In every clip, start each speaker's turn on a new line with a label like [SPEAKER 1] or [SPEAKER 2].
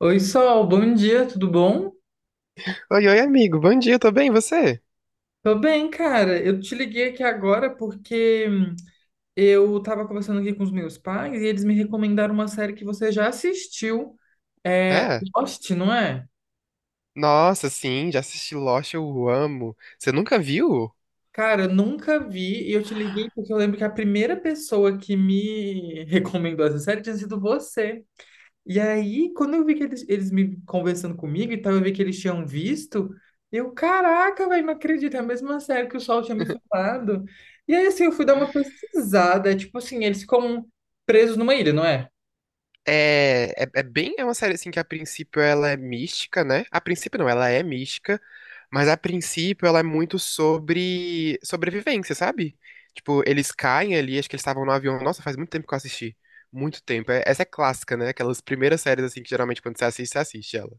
[SPEAKER 1] Oi, Sol, bom dia, tudo bom?
[SPEAKER 2] Oi, amigo. Bom dia, tô bem, e você?
[SPEAKER 1] Tô bem, cara. Eu te liguei aqui agora porque eu tava conversando aqui com os meus pais e eles me recomendaram uma série que você já assistiu. É
[SPEAKER 2] É?
[SPEAKER 1] Lost, não é?
[SPEAKER 2] Nossa, sim, já assisti Lost, eu amo. Você nunca viu?
[SPEAKER 1] Cara, eu nunca vi e eu te liguei porque eu lembro que a primeira pessoa que me recomendou essa série tinha sido você. E aí, quando eu vi que eles me conversando comigo e tal, eu vi que eles tinham visto, eu, caraca, velho, não acredito, é a mesma série que o Sol tinha me falado. E aí, assim, eu fui dar uma pesquisada, é tipo assim, eles ficam presos numa ilha, não é?
[SPEAKER 2] É uma série assim que a princípio ela é mística, né? A princípio não, ela é mística, mas a princípio ela é muito sobre sobrevivência, sabe? Tipo, eles caem ali, acho que eles estavam no avião. Nossa, faz muito tempo que eu assisti. Muito tempo. Essa é clássica, né? Aquelas primeiras séries assim que geralmente quando você assiste ela.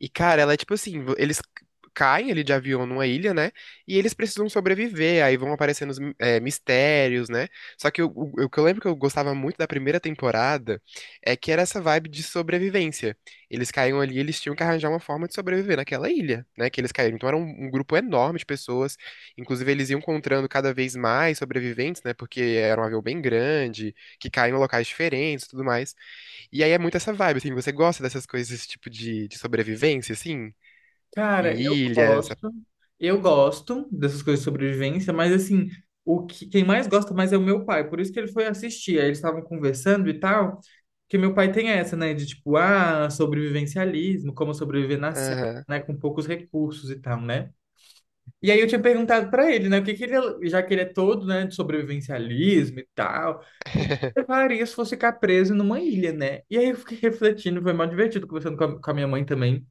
[SPEAKER 2] E, cara, ela é tipo assim, eles caem ali de avião numa ilha, né? E eles precisam sobreviver, aí vão aparecendo os mistérios, né? Só que o que eu lembro que eu gostava muito da primeira temporada é que era essa vibe de sobrevivência. Eles caíam ali, eles tinham que arranjar uma forma de sobreviver naquela ilha, né? Que eles caíram. Então era um grupo enorme de pessoas, inclusive eles iam encontrando cada vez mais sobreviventes, né? Porque era um avião bem grande, que caía em locais diferentes e tudo mais. E aí é muito essa vibe, assim, você gosta dessas coisas, esse tipo de sobrevivência, assim?
[SPEAKER 1] Cara,
[SPEAKER 2] Em ilha, essa...
[SPEAKER 1] eu gosto dessas coisas de sobrevivência, mas assim, o que, quem mais gosta mais é o meu pai, por isso que ele foi assistir, aí eles estavam conversando e tal, porque meu pai tem essa, né, de tipo, ah, sobrevivencialismo, como sobreviver na selva,
[SPEAKER 2] Aham.
[SPEAKER 1] né, com poucos recursos e tal, né? E aí eu tinha perguntado pra ele, né, o que que ele, já que ele é todo, né, de sobrevivencialismo e tal, o que que ele faria se fosse ficar preso numa ilha, né? E aí eu fiquei refletindo, foi mó divertido conversando com a minha mãe também.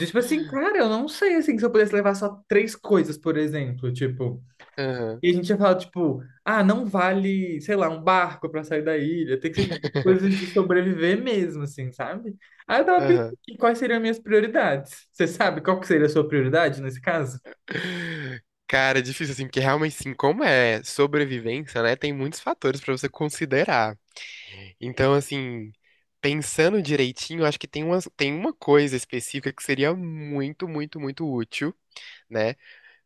[SPEAKER 1] E, tipo assim, cara, eu não sei, assim, se eu pudesse levar só três coisas, por exemplo, tipo...
[SPEAKER 2] Aham.
[SPEAKER 1] E a gente ia falar, tipo, ah, não vale, sei lá, um barco pra sair da ilha, tem que ser tipo, coisas de sobreviver mesmo, assim, sabe? Aí eu tava pensando,
[SPEAKER 2] Aham.
[SPEAKER 1] em quais seriam as minhas prioridades? Você sabe qual que seria a sua prioridade nesse caso?
[SPEAKER 2] Cara, é difícil, assim, porque realmente, assim, como é sobrevivência, né, tem muitos fatores pra você considerar. Então, assim, pensando direitinho, acho que tem tem uma coisa específica que seria muito, muito, muito útil, né?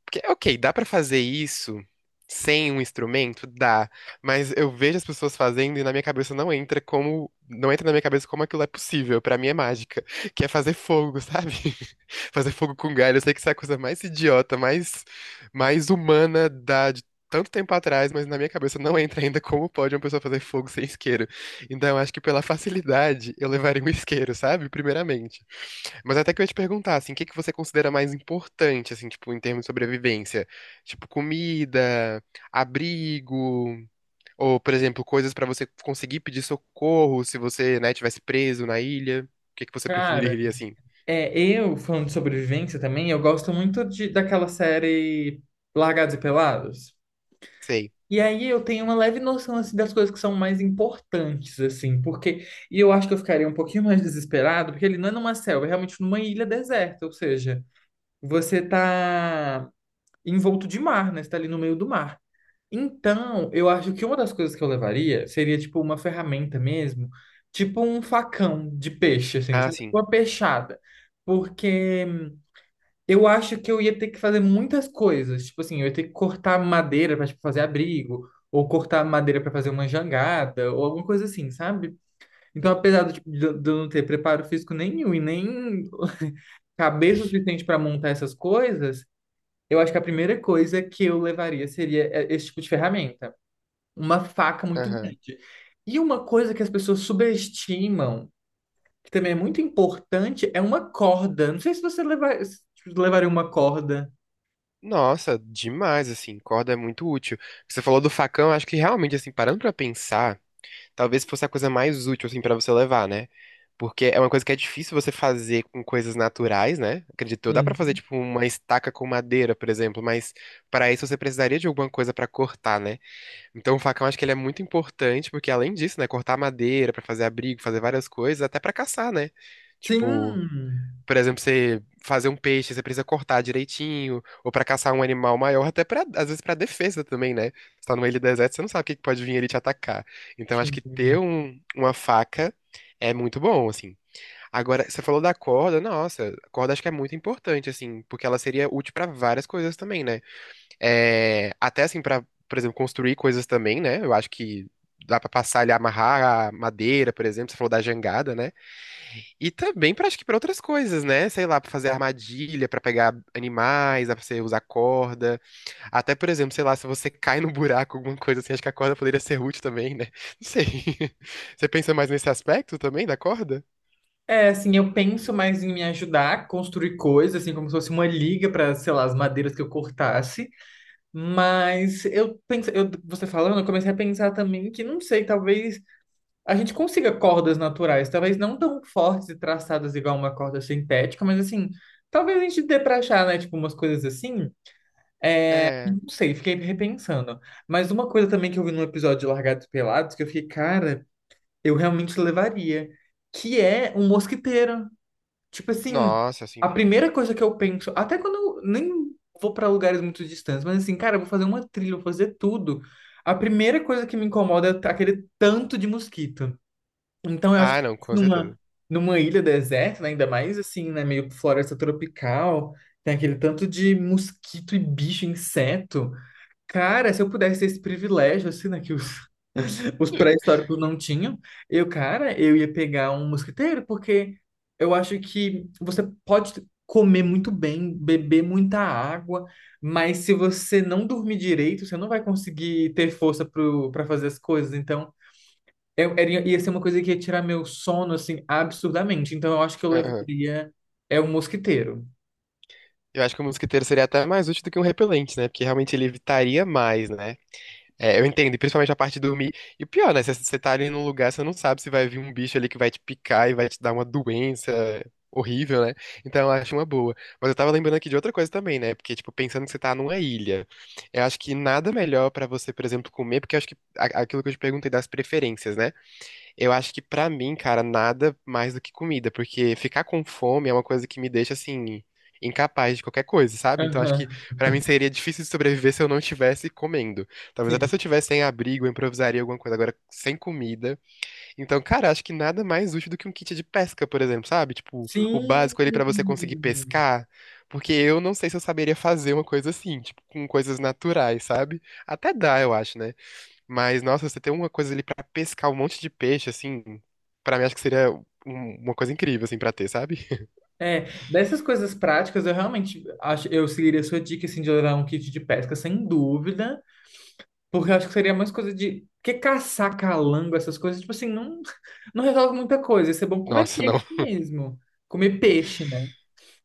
[SPEAKER 2] Porque, ok, dá pra fazer isso sem um instrumento? Dá. Mas eu vejo as pessoas fazendo e na minha cabeça não entra como. Não entra na minha cabeça como aquilo é possível. Pra mim é mágica. Que é fazer fogo, sabe? Fazer fogo com galho. Eu sei que isso é a coisa mais idiota, mais humana da. De Tanto tempo atrás, mas na minha cabeça não entra ainda como pode uma pessoa fazer fogo sem isqueiro. Então, eu acho que pela facilidade, eu levaria um isqueiro, sabe? Primeiramente. Mas até que eu ia te perguntar, assim, o que que você considera mais importante, assim, tipo, em termos de sobrevivência? Tipo, comida, abrigo, ou, por exemplo, coisas pra você conseguir pedir socorro se você, né, tivesse preso na ilha. O que que você
[SPEAKER 1] Cara...
[SPEAKER 2] preferiria, assim?
[SPEAKER 1] É, eu, falando de sobrevivência também, eu gosto muito de, daquela série Largados e Pelados.
[SPEAKER 2] Sei.
[SPEAKER 1] E aí eu tenho uma leve noção, assim, das coisas que são mais importantes, assim, porque... E eu acho que eu ficaria um pouquinho mais desesperado, porque ele não é numa selva, é realmente numa ilha deserta, ou seja, você tá envolto de mar, né? Você tá ali no meio do mar. Então, eu acho que uma das coisas que eu levaria seria, tipo, uma ferramenta mesmo, tipo um facão de peixe, assim,
[SPEAKER 2] Ah,
[SPEAKER 1] sabe? Tipo
[SPEAKER 2] sim.
[SPEAKER 1] uma peixada. Porque... eu acho que eu ia ter que fazer muitas coisas. Tipo assim, eu ia ter que cortar madeira para fazer abrigo, ou cortar madeira para fazer uma jangada, ou alguma coisa assim, sabe? Então, apesar do, tipo, de eu não ter preparo físico nenhum e nem cabeça suficiente para montar essas coisas, eu acho que a primeira coisa que eu levaria seria é, esse tipo de ferramenta, uma faca muito
[SPEAKER 2] Aham.
[SPEAKER 1] grande. E uma coisa que as pessoas subestimam, que também é muito importante, é uma corda. Não sei se você levar, se tipo, levaria uma corda.
[SPEAKER 2] Nossa, demais, assim, corda é muito útil. Você falou do facão, acho que realmente, assim, parando pra pensar, talvez fosse a coisa mais útil, assim, pra você levar, né? Porque é uma coisa que é difícil você fazer com coisas naturais, né? Acredito eu. Dá pra fazer,
[SPEAKER 1] Sim.
[SPEAKER 2] tipo, uma estaca com madeira, por exemplo, mas pra isso você precisaria de alguma coisa pra cortar, né? Então o facão acho que ele é muito importante, porque além disso, né, cortar madeira pra fazer abrigo, fazer várias coisas, até pra caçar, né? Tipo,
[SPEAKER 1] Sim.
[SPEAKER 2] por exemplo, você fazer um peixe, você precisa cortar direitinho, ou pra caçar um animal maior, até pra, às vezes pra defesa também, né? Você tá no meio do deserto, você não sabe o que que pode vir ali te atacar. Então, acho
[SPEAKER 1] Sim.
[SPEAKER 2] que ter uma faca é muito bom, assim. Agora, você falou da corda, nossa, a corda acho que é muito importante, assim, porque ela seria útil pra várias coisas também, né? É, até assim, por exemplo, construir coisas também, né? Eu acho que dá pra passar ali, amarrar a madeira, por exemplo, você falou da jangada, né? E também pra, acho que pra outras coisas, né? Sei lá, pra fazer armadilha, pra pegar animais, dá pra você usar corda. Até, por exemplo, sei lá, se você cai no buraco, alguma coisa assim, acho que a corda poderia ser útil também, né? Não sei. Você pensa mais nesse aspecto também da corda?
[SPEAKER 1] É, assim, eu penso mais em me ajudar a construir coisas, assim, como se fosse uma liga para, sei lá, as madeiras que eu cortasse. Mas eu penso, eu, você falando, eu comecei a pensar também que, não sei, talvez a gente consiga cordas naturais, talvez não tão fortes e traçadas igual uma corda sintética, mas assim, talvez a gente dê pra achar, né, tipo, umas coisas assim.
[SPEAKER 2] É.
[SPEAKER 1] Não sei, fiquei repensando. Mas uma coisa também que eu vi no episódio de Largados e Pelados, que eu fiquei, cara. Eu realmente levaria, que é um mosquiteiro. Tipo assim,
[SPEAKER 2] Nossa,
[SPEAKER 1] a
[SPEAKER 2] assim.
[SPEAKER 1] primeira coisa que eu penso, até quando eu nem vou para lugares muito distantes, mas assim, cara, eu vou fazer uma trilha, eu vou fazer tudo. A primeira coisa que me incomoda é aquele tanto de mosquito. Então, eu acho
[SPEAKER 2] Ah,
[SPEAKER 1] que
[SPEAKER 2] não, com
[SPEAKER 1] numa,
[SPEAKER 2] certeza.
[SPEAKER 1] numa ilha deserta, né, ainda mais assim, né, meio floresta tropical, tem aquele tanto de mosquito e bicho, inseto. Cara, se eu pudesse ter esse privilégio, assim, né, que o os pré-históricos não tinham. Eu, cara, eu ia pegar um mosquiteiro, porque eu acho que você pode comer muito bem, beber muita água, mas se você não dormir direito, você não vai conseguir ter força para fazer as coisas. Então, eu, era- ia ser uma coisa que ia tirar meu sono, assim, absurdamente. Então, eu acho que eu
[SPEAKER 2] Aham.
[SPEAKER 1] levaria é um mosquiteiro.
[SPEAKER 2] Eu acho que o mosquiteiro seria até mais útil do que um repelente, né? Porque realmente ele evitaria mais, né? É, eu entendo, e principalmente a parte de dormir. E o pior, né? Você tá ali num lugar, você não sabe se vai vir um bicho ali que vai te picar e vai te dar uma doença horrível, né? Então eu acho uma boa. Mas eu tava lembrando aqui de outra coisa também, né? Porque, tipo, pensando que você tá numa ilha, eu acho que nada melhor pra você, por exemplo, comer, porque eu acho que aquilo que eu te perguntei das preferências, né? Eu acho que pra mim, cara, nada mais do que comida, porque ficar com fome é uma coisa que me deixa assim incapaz de qualquer coisa, sabe? Então acho
[SPEAKER 1] Aham.
[SPEAKER 2] que pra mim seria difícil de sobreviver se eu não estivesse comendo. Talvez até
[SPEAKER 1] Sim.
[SPEAKER 2] se eu tivesse sem abrigo, eu improvisaria alguma coisa agora sem comida. Então, cara, acho que nada mais útil do que um kit de pesca, por exemplo, sabe? Tipo, o
[SPEAKER 1] Sim.
[SPEAKER 2] básico ali pra você conseguir pescar, porque eu não sei se eu saberia fazer uma coisa assim, tipo, com coisas naturais, sabe? Até dá, eu acho, né? Mas, nossa, você tem uma coisa ali pra pescar um monte de peixe, assim, pra mim acho que seria uma coisa incrível, assim, pra ter, sabe?
[SPEAKER 1] É, dessas coisas práticas, eu realmente acho, eu seguiria a sua dica, assim, de levar um kit de pesca, sem dúvida, porque eu acho que seria mais coisa de, porque caçar calango, essas coisas, tipo assim, não, não resolve muita coisa, isso é bom comer
[SPEAKER 2] Nossa,
[SPEAKER 1] peixe
[SPEAKER 2] não.
[SPEAKER 1] mesmo, comer peixe, né?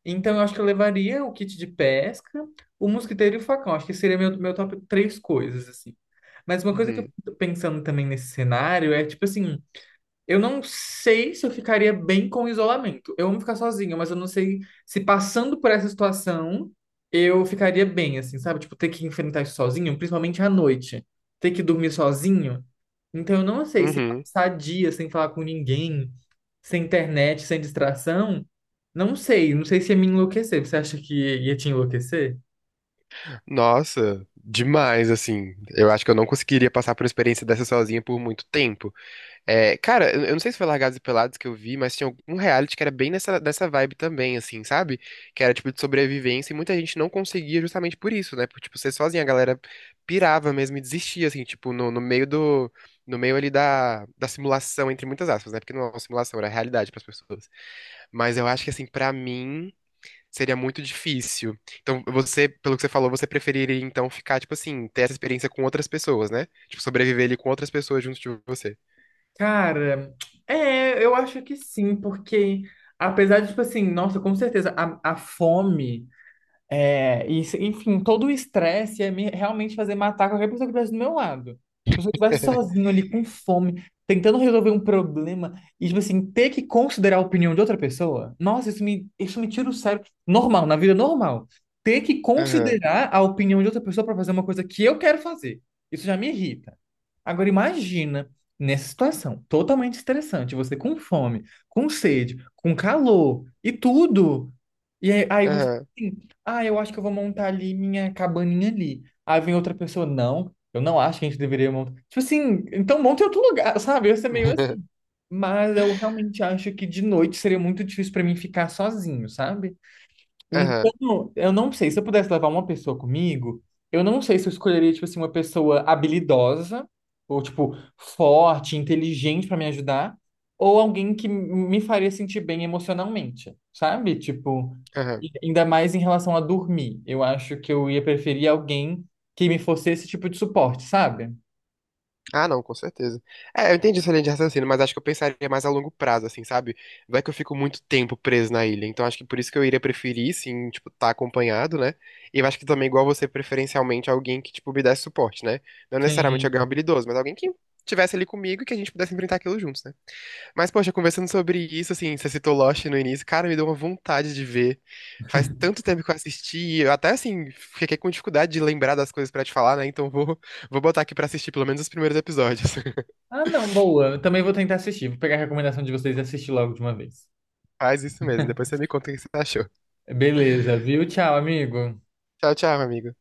[SPEAKER 1] Então, eu acho que eu levaria o kit de pesca, o mosquiteiro e o facão, acho que seria meu, meu top três coisas, assim. Mas uma coisa que eu
[SPEAKER 2] Uhum.
[SPEAKER 1] tô pensando também nesse cenário é, tipo assim, eu não sei se eu ficaria bem com o isolamento. Eu amo ficar sozinho, mas eu não sei se passando por essa situação eu ficaria bem, assim, sabe? Tipo, ter que enfrentar isso sozinho, principalmente à noite. Ter que dormir sozinho. Então, eu não sei se
[SPEAKER 2] Uhum.
[SPEAKER 1] passar dia sem falar com ninguém, sem internet, sem distração. Não sei. Não sei se ia me enlouquecer. Você acha que ia te enlouquecer?
[SPEAKER 2] Nossa, demais, assim. Eu acho que eu não conseguiria passar por uma experiência dessa sozinha por muito tempo. É, cara, eu não sei se foi Largados e Pelados que eu vi, mas tinha algum reality que era bem nessa vibe também, assim, sabe? Que era tipo de sobrevivência e muita gente não conseguia justamente por isso, né? Por, tipo, ser sozinha, a galera pirava mesmo e desistia, assim, tipo, no meio do. No meio ali da simulação, entre muitas aspas, né? Porque não é uma simulação, era realidade para as pessoas. Mas eu acho que, assim, pra mim, seria muito difícil. Então, você, pelo que você falou, você preferiria então ficar, tipo assim, ter essa experiência com outras pessoas, né? Tipo, sobreviver ali com outras pessoas junto de você.
[SPEAKER 1] Cara, é, eu acho que sim, porque apesar de, tipo assim, nossa, com certeza, a fome. É, e, se- enfim, todo o estresse ia me realmente fazer matar qualquer pessoa que estivesse do meu lado. Então, se eu estivesse sozinho ali com fome, tentando resolver um problema, e, tipo assim, ter que considerar a opinião de outra pessoa, nossa, isso me tira o sério. Normal, na vida normal. Ter que considerar a opinião de outra pessoa para fazer uma coisa que eu quero fazer. Isso já me irrita. Agora, imagina nessa situação, totalmente estressante, você com fome, com sede, com calor e tudo. E aí, aí você. Assim,
[SPEAKER 2] Aham.
[SPEAKER 1] ah, eu acho que eu vou montar ali minha cabaninha ali. Aí vem outra pessoa, não, eu não acho que a gente deveria montar. Tipo assim, então monte em outro lugar, sabe? Eu sou meio assim. Mas eu realmente acho que de noite seria muito difícil pra mim ficar sozinho, sabe?
[SPEAKER 2] Aham.
[SPEAKER 1] Então, eu não sei, se eu pudesse levar uma pessoa comigo, eu não sei se eu escolheria, tipo assim, uma pessoa habilidosa, ou, tipo, forte, inteligente pra me ajudar, ou alguém que me faria sentir bem emocionalmente, sabe? Tipo,
[SPEAKER 2] Aham.
[SPEAKER 1] e ainda mais em relação a dormir. Eu acho que eu ia preferir alguém que me fosse esse tipo de suporte, sabe?
[SPEAKER 2] Ah, não, com certeza. É, eu entendi essa linha de raciocínio, mas acho que eu pensaria mais a longo prazo, assim, sabe? Vai que eu fico muito tempo preso na ilha, então acho que por isso que eu iria preferir, sim, tipo, estar acompanhado, né? E eu acho que também, igual você, preferencialmente, alguém que, tipo, me desse suporte, né? Não necessariamente alguém
[SPEAKER 1] Sim.
[SPEAKER 2] habilidoso, mas alguém que estivesse ali comigo e que a gente pudesse enfrentar aquilo juntos, né? Mas, poxa, conversando sobre isso, assim, você citou Lost no início, cara, me deu uma vontade de ver. Faz tanto tempo que eu assisti, e eu até, assim, fiquei com dificuldade de lembrar das coisas pra te falar, né? Então vou botar aqui pra assistir pelo menos os primeiros episódios.
[SPEAKER 1] Ah, não, boa. Eu também vou tentar assistir. Vou pegar a recomendação de vocês e assistir logo de uma vez.
[SPEAKER 2] Faz isso mesmo, depois você me conta o que você achou.
[SPEAKER 1] Beleza, viu? Tchau, amigo.
[SPEAKER 2] Tchau, tchau, amigo.